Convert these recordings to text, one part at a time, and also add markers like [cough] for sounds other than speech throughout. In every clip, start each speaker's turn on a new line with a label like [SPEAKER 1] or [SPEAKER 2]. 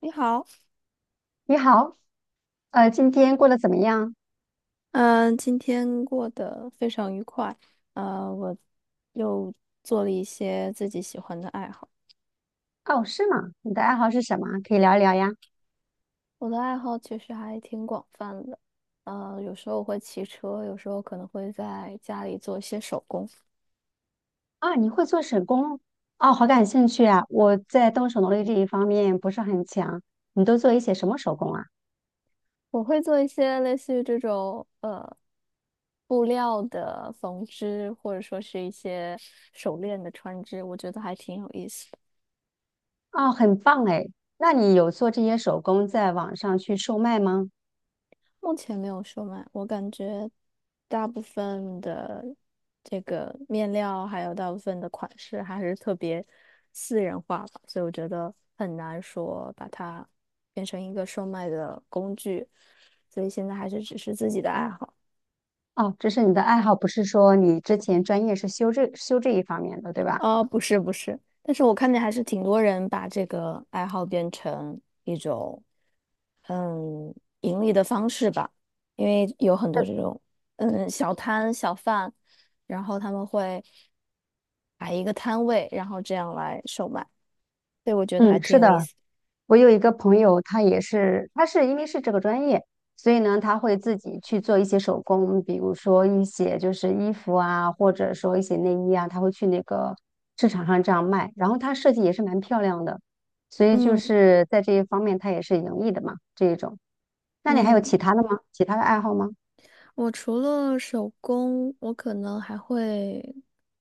[SPEAKER 1] 你好。
[SPEAKER 2] 你好，今天过得怎么样？
[SPEAKER 1] 嗯、今天过得非常愉快，我又做了一些自己喜欢的爱好。
[SPEAKER 2] 哦，是吗？你的爱好是什么？可以聊一聊呀。
[SPEAKER 1] 我的爱好其实还挺广泛的，有时候我会骑车，有时候可能会在家里做一些手工。
[SPEAKER 2] 啊，你会做手工？哦，好感兴趣啊！我在动手能力这一方面不是很强。你都做一些什么手工啊？
[SPEAKER 1] 我会做一些类似于这种布料的缝制，或者说是一些手链的穿织，我觉得还挺有意思的。
[SPEAKER 2] 哦，很棒哎。那你有做这些手工在网上去售卖吗？
[SPEAKER 1] 目前没有售卖，我感觉大部分的这个面料，还有大部分的款式还是特别私人化吧，所以我觉得很难说把它变成一个售卖的工具，所以现在还是只是自己的爱好。
[SPEAKER 2] 哦，这是你的爱好，不是说你之前专业是修这一方面的，对吧？
[SPEAKER 1] 哦，不是不是，但是我看见还是挺多人把这个爱好变成一种盈利的方式吧，因为有很多
[SPEAKER 2] 是
[SPEAKER 1] 这种小摊小贩，然后他们会摆一个摊位，然后这样来售卖，所以我觉得还
[SPEAKER 2] 嗯，
[SPEAKER 1] 挺
[SPEAKER 2] 是
[SPEAKER 1] 有意
[SPEAKER 2] 的，
[SPEAKER 1] 思。
[SPEAKER 2] 我有一个朋友，他也是，他是因为是这个专业，所以呢，他会自己去做一些手工，比如说一些就是衣服啊，或者说一些内衣啊，他会去那个市场上这样卖。然后他设计也是蛮漂亮的，所以就
[SPEAKER 1] 嗯
[SPEAKER 2] 是在这一方面，他也是盈利的嘛，这一种。那你还有
[SPEAKER 1] 嗯。
[SPEAKER 2] 其他的吗？其他的爱好吗？
[SPEAKER 1] 我除了手工，我可能还会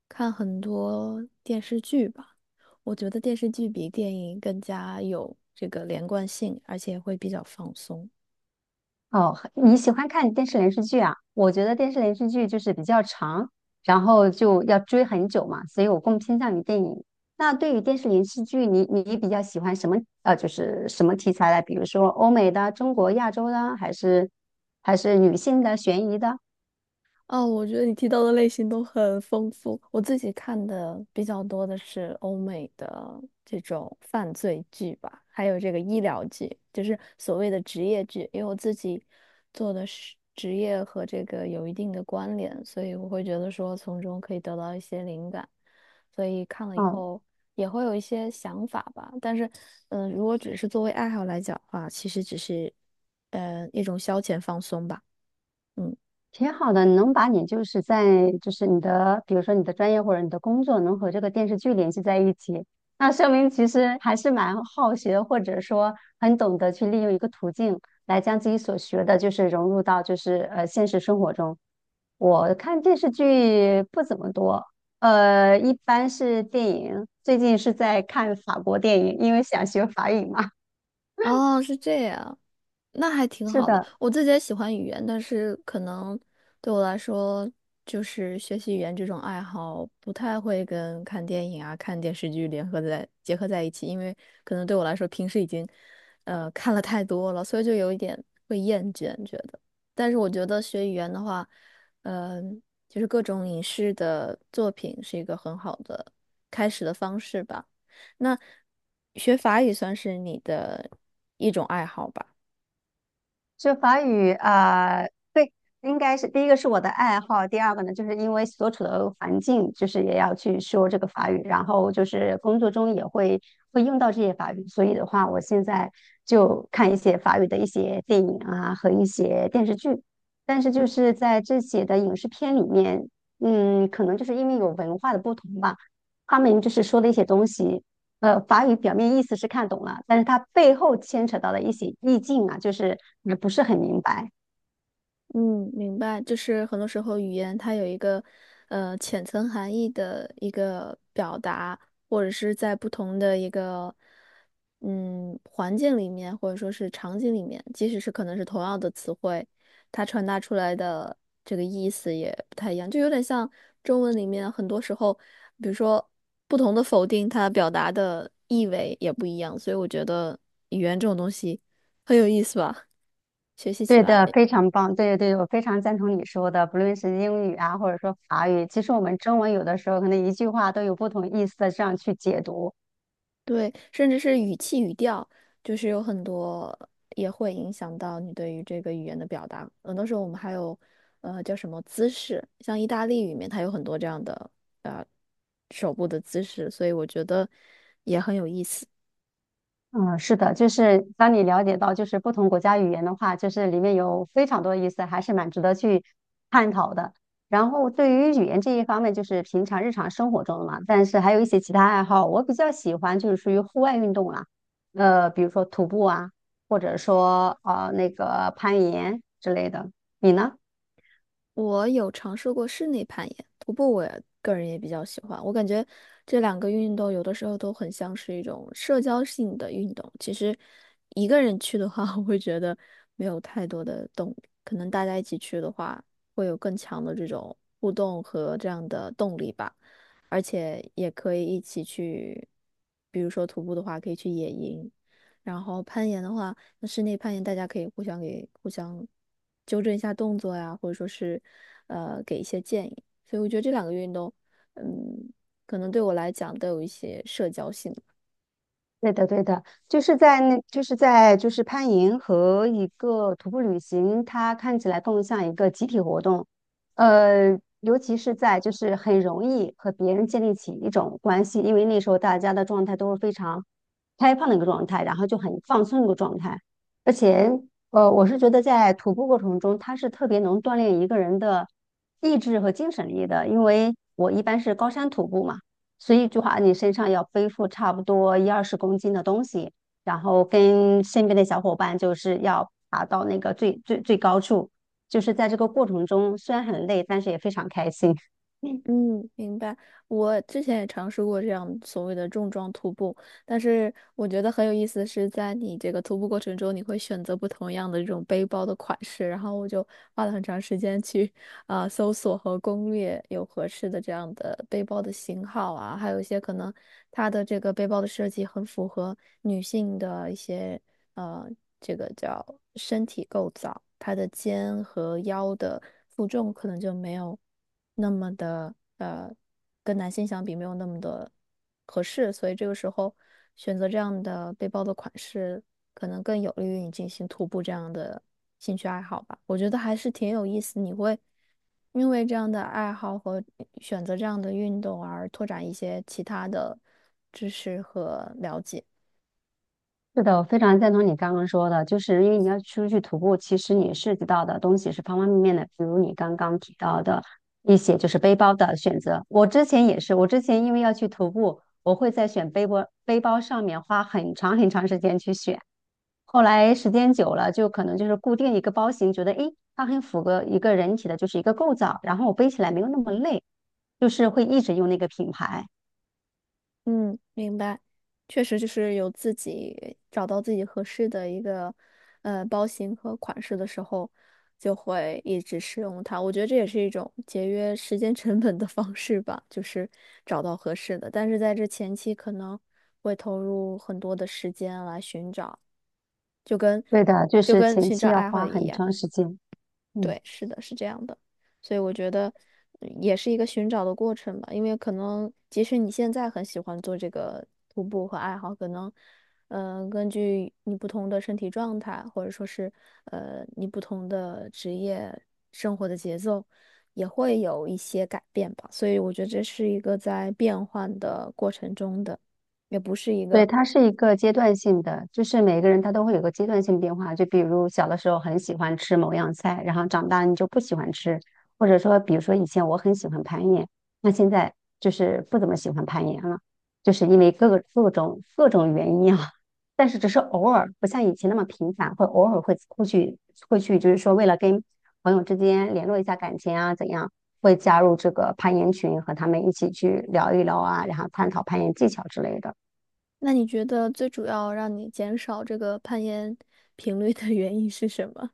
[SPEAKER 1] 看很多电视剧吧。我觉得电视剧比电影更加有这个连贯性，而且会比较放松。
[SPEAKER 2] 哦，你喜欢看电视连续剧啊？我觉得电视连续剧就是比较长，然后就要追很久嘛，所以我更偏向于电影。那对于电视连续剧，你比较喜欢什么？就是什么题材的？比如说欧美的、中国、亚洲的，还是还是女性的、悬疑的？
[SPEAKER 1] 哦，我觉得你提到的类型都很丰富。我自己看的比较多的是欧美的这种犯罪剧吧，还有这个医疗剧，就是所谓的职业剧。因为我自己做的是职业和这个有一定的关联，所以我会觉得说从中可以得到一些灵感，所以看了以
[SPEAKER 2] 哦。
[SPEAKER 1] 后也会有一些想法吧。但是，如果只是作为爱好来讲的话，其实只是一种消遣放松吧。嗯。
[SPEAKER 2] 挺好的，能把你就是在就是你的，比如说你的专业或者你的工作，能和这个电视剧联系在一起，那说明其实还是蛮好学，或者说很懂得去利用一个途径来将自己所学的，就是融入到就是现实生活中。我看电视剧不怎么多，一般是电影，最近是在看法国电影，因为想学法语嘛。[laughs]
[SPEAKER 1] 哦，是这样。那还挺
[SPEAKER 2] 是
[SPEAKER 1] 好的。
[SPEAKER 2] 的。
[SPEAKER 1] 我自己也喜欢语言，但是可能对我来说，就是学习语言这种爱好不太会跟看电影啊、看电视剧联合在结合在一起，因为可能对我来说平时已经看了太多了，所以就有一点会厌倦觉得。但是我觉得学语言的话，嗯、就是各种影视的作品是一个很好的开始的方式吧。那学法语算是你的一种爱好吧？
[SPEAKER 2] 就法语啊、对，应该是第一个是我的爱好，第二个呢，就是因为所处的环境，就是也要去说这个法语，然后就是工作中也会会用到这些法语，所以的话，我现在就看一些法语的一些电影啊和一些电视剧，但是就是在这些的影视片里面，嗯，可能就是因为有文化的不同吧，他们就是说的一些东西。法语表面意思是看懂了，但是它背后牵扯到的一些意境啊，就是也不是很明白。
[SPEAKER 1] 嗯，明白，就是很多时候语言它有一个浅层含义的一个表达，或者是在不同的一个环境里面，或者说是场景里面，即使是可能是同样的词汇，它传达出来的这个意思也不太一样，就有点像中文里面很多时候，比如说不同的否定，它表达的意味也不一样，所以我觉得语言这种东西很有意思吧，学习起
[SPEAKER 2] 对
[SPEAKER 1] 来。
[SPEAKER 2] 的，非常棒。对对，我非常赞同你说的，不论是英语啊，或者说法语，其实我们中文有的时候可能一句话都有不同意思的这样去解读。
[SPEAKER 1] 对，甚至是语气语调，就是有很多也会影响到你对于这个语言的表达。很多时候我们还有，叫什么姿势，像意大利语里面它有很多这样的呃手部的姿势，所以我觉得也很有意思。
[SPEAKER 2] 嗯，是的，就是当你了解到就是不同国家语言的话，就是里面有非常多的意思，还是蛮值得去探讨的。然后对于语言这一方面，就是平常日常生活中的嘛，但是还有一些其他爱好，我比较喜欢就是属于户外运动啦，比如说徒步啊，或者说那个攀岩之类的。你呢？
[SPEAKER 1] 我有尝试过室内攀岩，徒步我也个人也比较喜欢。我感觉这两个运动有的时候都很像是一种社交性的运动。其实一个人去的话，[laughs] 我会觉得没有太多的动力。可能大家一起去的话，会有更强的这种互动和这样的动力吧。而且也可以一起去，比如说徒步的话，可以去野营，然后攀岩的话，那室内攀岩大家可以互相给互相纠正一下动作呀，或者说是给一些建议。所以我觉得这两个运动，嗯，可能对我来讲都有一些社交性。
[SPEAKER 2] 对的，对的，就是在那，就是在就是攀岩和一个徒步旅行，它看起来更像一个集体活动，尤其是在就是很容易和别人建立起一种关系，因为那时候大家的状态都是非常开放的一个状态，然后就很放松的一个状态，而且我是觉得在徒步过程中，它是特别能锻炼一个人的意志和精神力的，因为我一般是高山徒步嘛。所以就话你身上要背负差不多一二十公斤的东西，然后跟身边的小伙伴就是要爬到那个最高处，就是在这个过程中虽然很累，但是也非常开心。[laughs] 嗯
[SPEAKER 1] 嗯，明白。我之前也尝试过这样所谓的重装徒步，但是我觉得很有意思的是，在你这个徒步过程中，你会选择不同样的这种背包的款式，然后我就花了很长时间去搜索和攻略有合适的这样的背包的型号啊，还有一些可能它的这个背包的设计很符合女性的一些呃，这个叫身体构造，他的肩和腰的负重可能就没有那么的跟男性相比没有那么的合适，所以这个时候选择这样的背包的款式，可能更有利于你进行徒步这样的兴趣爱好吧。我觉得还是挺有意思，你会因为这样的爱好和选择这样的运动而拓展一些其他的知识和了解。
[SPEAKER 2] 是的，我非常赞同你刚刚说的，就是因为你要出去徒步，其实你涉及到的东西是方方面面的，比如你刚刚提到的一些就是背包的选择。我之前也是，我之前因为要去徒步，我会在选背包背包上面花很长很长时间去选。后来时间久了，就可能就是固定一个包型，觉得诶，它很符合一个人体的就是一个构造，然后我背起来没有那么累，就是会一直用那个品牌。
[SPEAKER 1] 嗯，明白，确实就是有自己找到自己合适的一个包型和款式的时候，就会一直使用它。我觉得这也是一种节约时间成本的方式吧，就是找到合适的。但是在这前期可能会投入很多的时间来寻找，就跟
[SPEAKER 2] 对的，就
[SPEAKER 1] 就
[SPEAKER 2] 是
[SPEAKER 1] 跟
[SPEAKER 2] 前
[SPEAKER 1] 寻
[SPEAKER 2] 期
[SPEAKER 1] 找
[SPEAKER 2] 要
[SPEAKER 1] 爱好
[SPEAKER 2] 花
[SPEAKER 1] 一
[SPEAKER 2] 很
[SPEAKER 1] 样。
[SPEAKER 2] 长时间。嗯。
[SPEAKER 1] 对，是的，是这样的，所以我觉得也是一个寻找的过程吧，因为可能即使你现在很喜欢做这个徒步和爱好，可能，根据你不同的身体状态，或者说是你不同的职业生活的节奏，也会有一些改变吧，所以我觉得这是一个在变换的过程中的，也不是一
[SPEAKER 2] 对，
[SPEAKER 1] 个。
[SPEAKER 2] 它是一个阶段性的，就是每个人他都会有个阶段性变化。就比如小的时候很喜欢吃某样菜，然后长大你就不喜欢吃，或者说，比如说以前我很喜欢攀岩，那现在就是不怎么喜欢攀岩了，就是因为各种原因啊。[laughs] 但是只是偶尔，不像以前那么频繁，会偶尔会去，就是说为了跟朋友之间联络一下感情啊，怎样，会加入这个攀岩群，和他们一起去聊一聊啊，然后探讨攀岩技巧之类的。
[SPEAKER 1] 那你觉得最主要让你减少这个攀岩频率的原因是什么？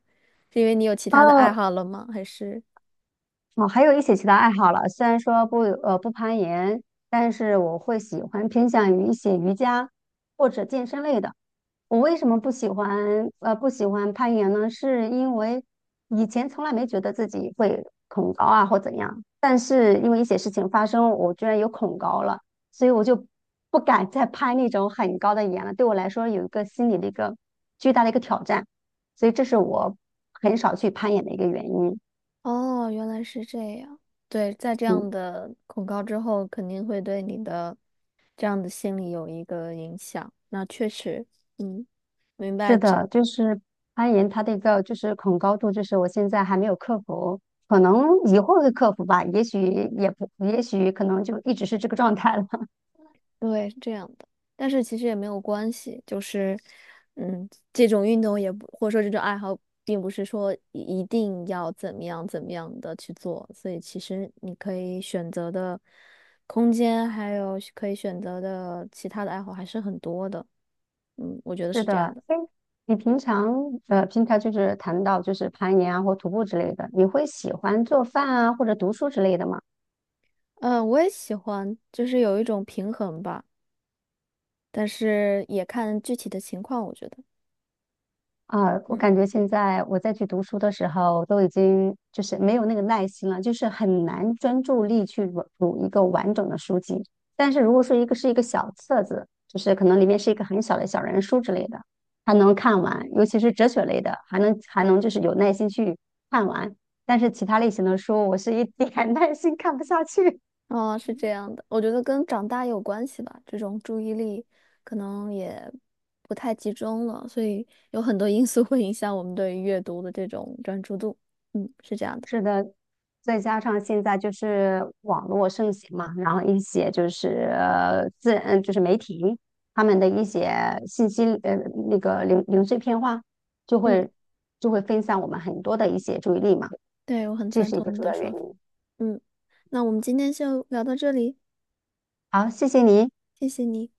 [SPEAKER 1] 是因为你有其他的爱
[SPEAKER 2] 哦，
[SPEAKER 1] 好了吗？还是？
[SPEAKER 2] 哦，还有一些其他爱好了。虽然说不攀岩，但是我会喜欢偏向于一些瑜伽或者健身类的。我为什么不喜欢攀岩呢？是因为以前从来没觉得自己会恐高啊或怎样，但是因为一些事情发生，我居然有恐高了，所以我就不敢再攀那种很高的岩了。对我来说有一个心理的一个巨大的一个挑战，所以这是我很少去攀岩的一个原因。
[SPEAKER 1] 哦，原来是这样。对，在这
[SPEAKER 2] 嗯。
[SPEAKER 1] 样的恐高之后，肯定会对你的这样的心理有一个影响。那确实，嗯，明
[SPEAKER 2] 是
[SPEAKER 1] 白。
[SPEAKER 2] 的，就是攀岩，它的一个就是恐高度，就是我现在还没有克服，可能以后会克服吧，也许也不，也许可能就一直是这个状态了。[laughs]
[SPEAKER 1] 对，是这样的，但是其实也没有关系，就是，嗯，这种运动也不，或者说这种爱好，并不是说一定要怎么样怎么样的去做，所以其实你可以选择的空间，还有可以选择的其他的爱好还是很多的，嗯，我觉得
[SPEAKER 2] 是
[SPEAKER 1] 是这样
[SPEAKER 2] 的，
[SPEAKER 1] 的。
[SPEAKER 2] 哎，你平常平常就是谈到就是攀岩啊或徒步之类的，你会喜欢做饭啊或者读书之类的吗？
[SPEAKER 1] 嗯，我也喜欢，就是有一种平衡吧，但是也看具体的情况，我觉得。
[SPEAKER 2] 啊，我
[SPEAKER 1] 嗯。
[SPEAKER 2] 感觉现在我再去读书的时候，都已经就是没有那个耐心了，就是很难专注力去读一个完整的书籍。但是如果说一个是一个小册子，就是可能里面是一个很小的小人书之类的，还能看完，尤其是哲学类的，还能就是有耐心去看完。但是其他类型的书，我是一点 [laughs] 耐心看不下去。
[SPEAKER 1] 哦，是这样的，我觉得跟长大有关系吧，这种注意力可能也不太集中了，所以有很多因素会影响我们对于阅读的这种专注度。嗯，是这样的。
[SPEAKER 2] 是的，再加上现在就是网络盛行嘛，然后一些就是呃自嗯就是媒体他们的一些信息那个碎片化，就
[SPEAKER 1] 嗯，
[SPEAKER 2] 会就会分散我们很多的一些注意力嘛，
[SPEAKER 1] 对，我很
[SPEAKER 2] 这
[SPEAKER 1] 赞
[SPEAKER 2] 是一
[SPEAKER 1] 同
[SPEAKER 2] 个
[SPEAKER 1] 你
[SPEAKER 2] 主
[SPEAKER 1] 的
[SPEAKER 2] 要原
[SPEAKER 1] 说
[SPEAKER 2] 因。
[SPEAKER 1] 法。嗯，那我们今天就聊到这里，
[SPEAKER 2] 好，谢谢你。
[SPEAKER 1] 谢谢你。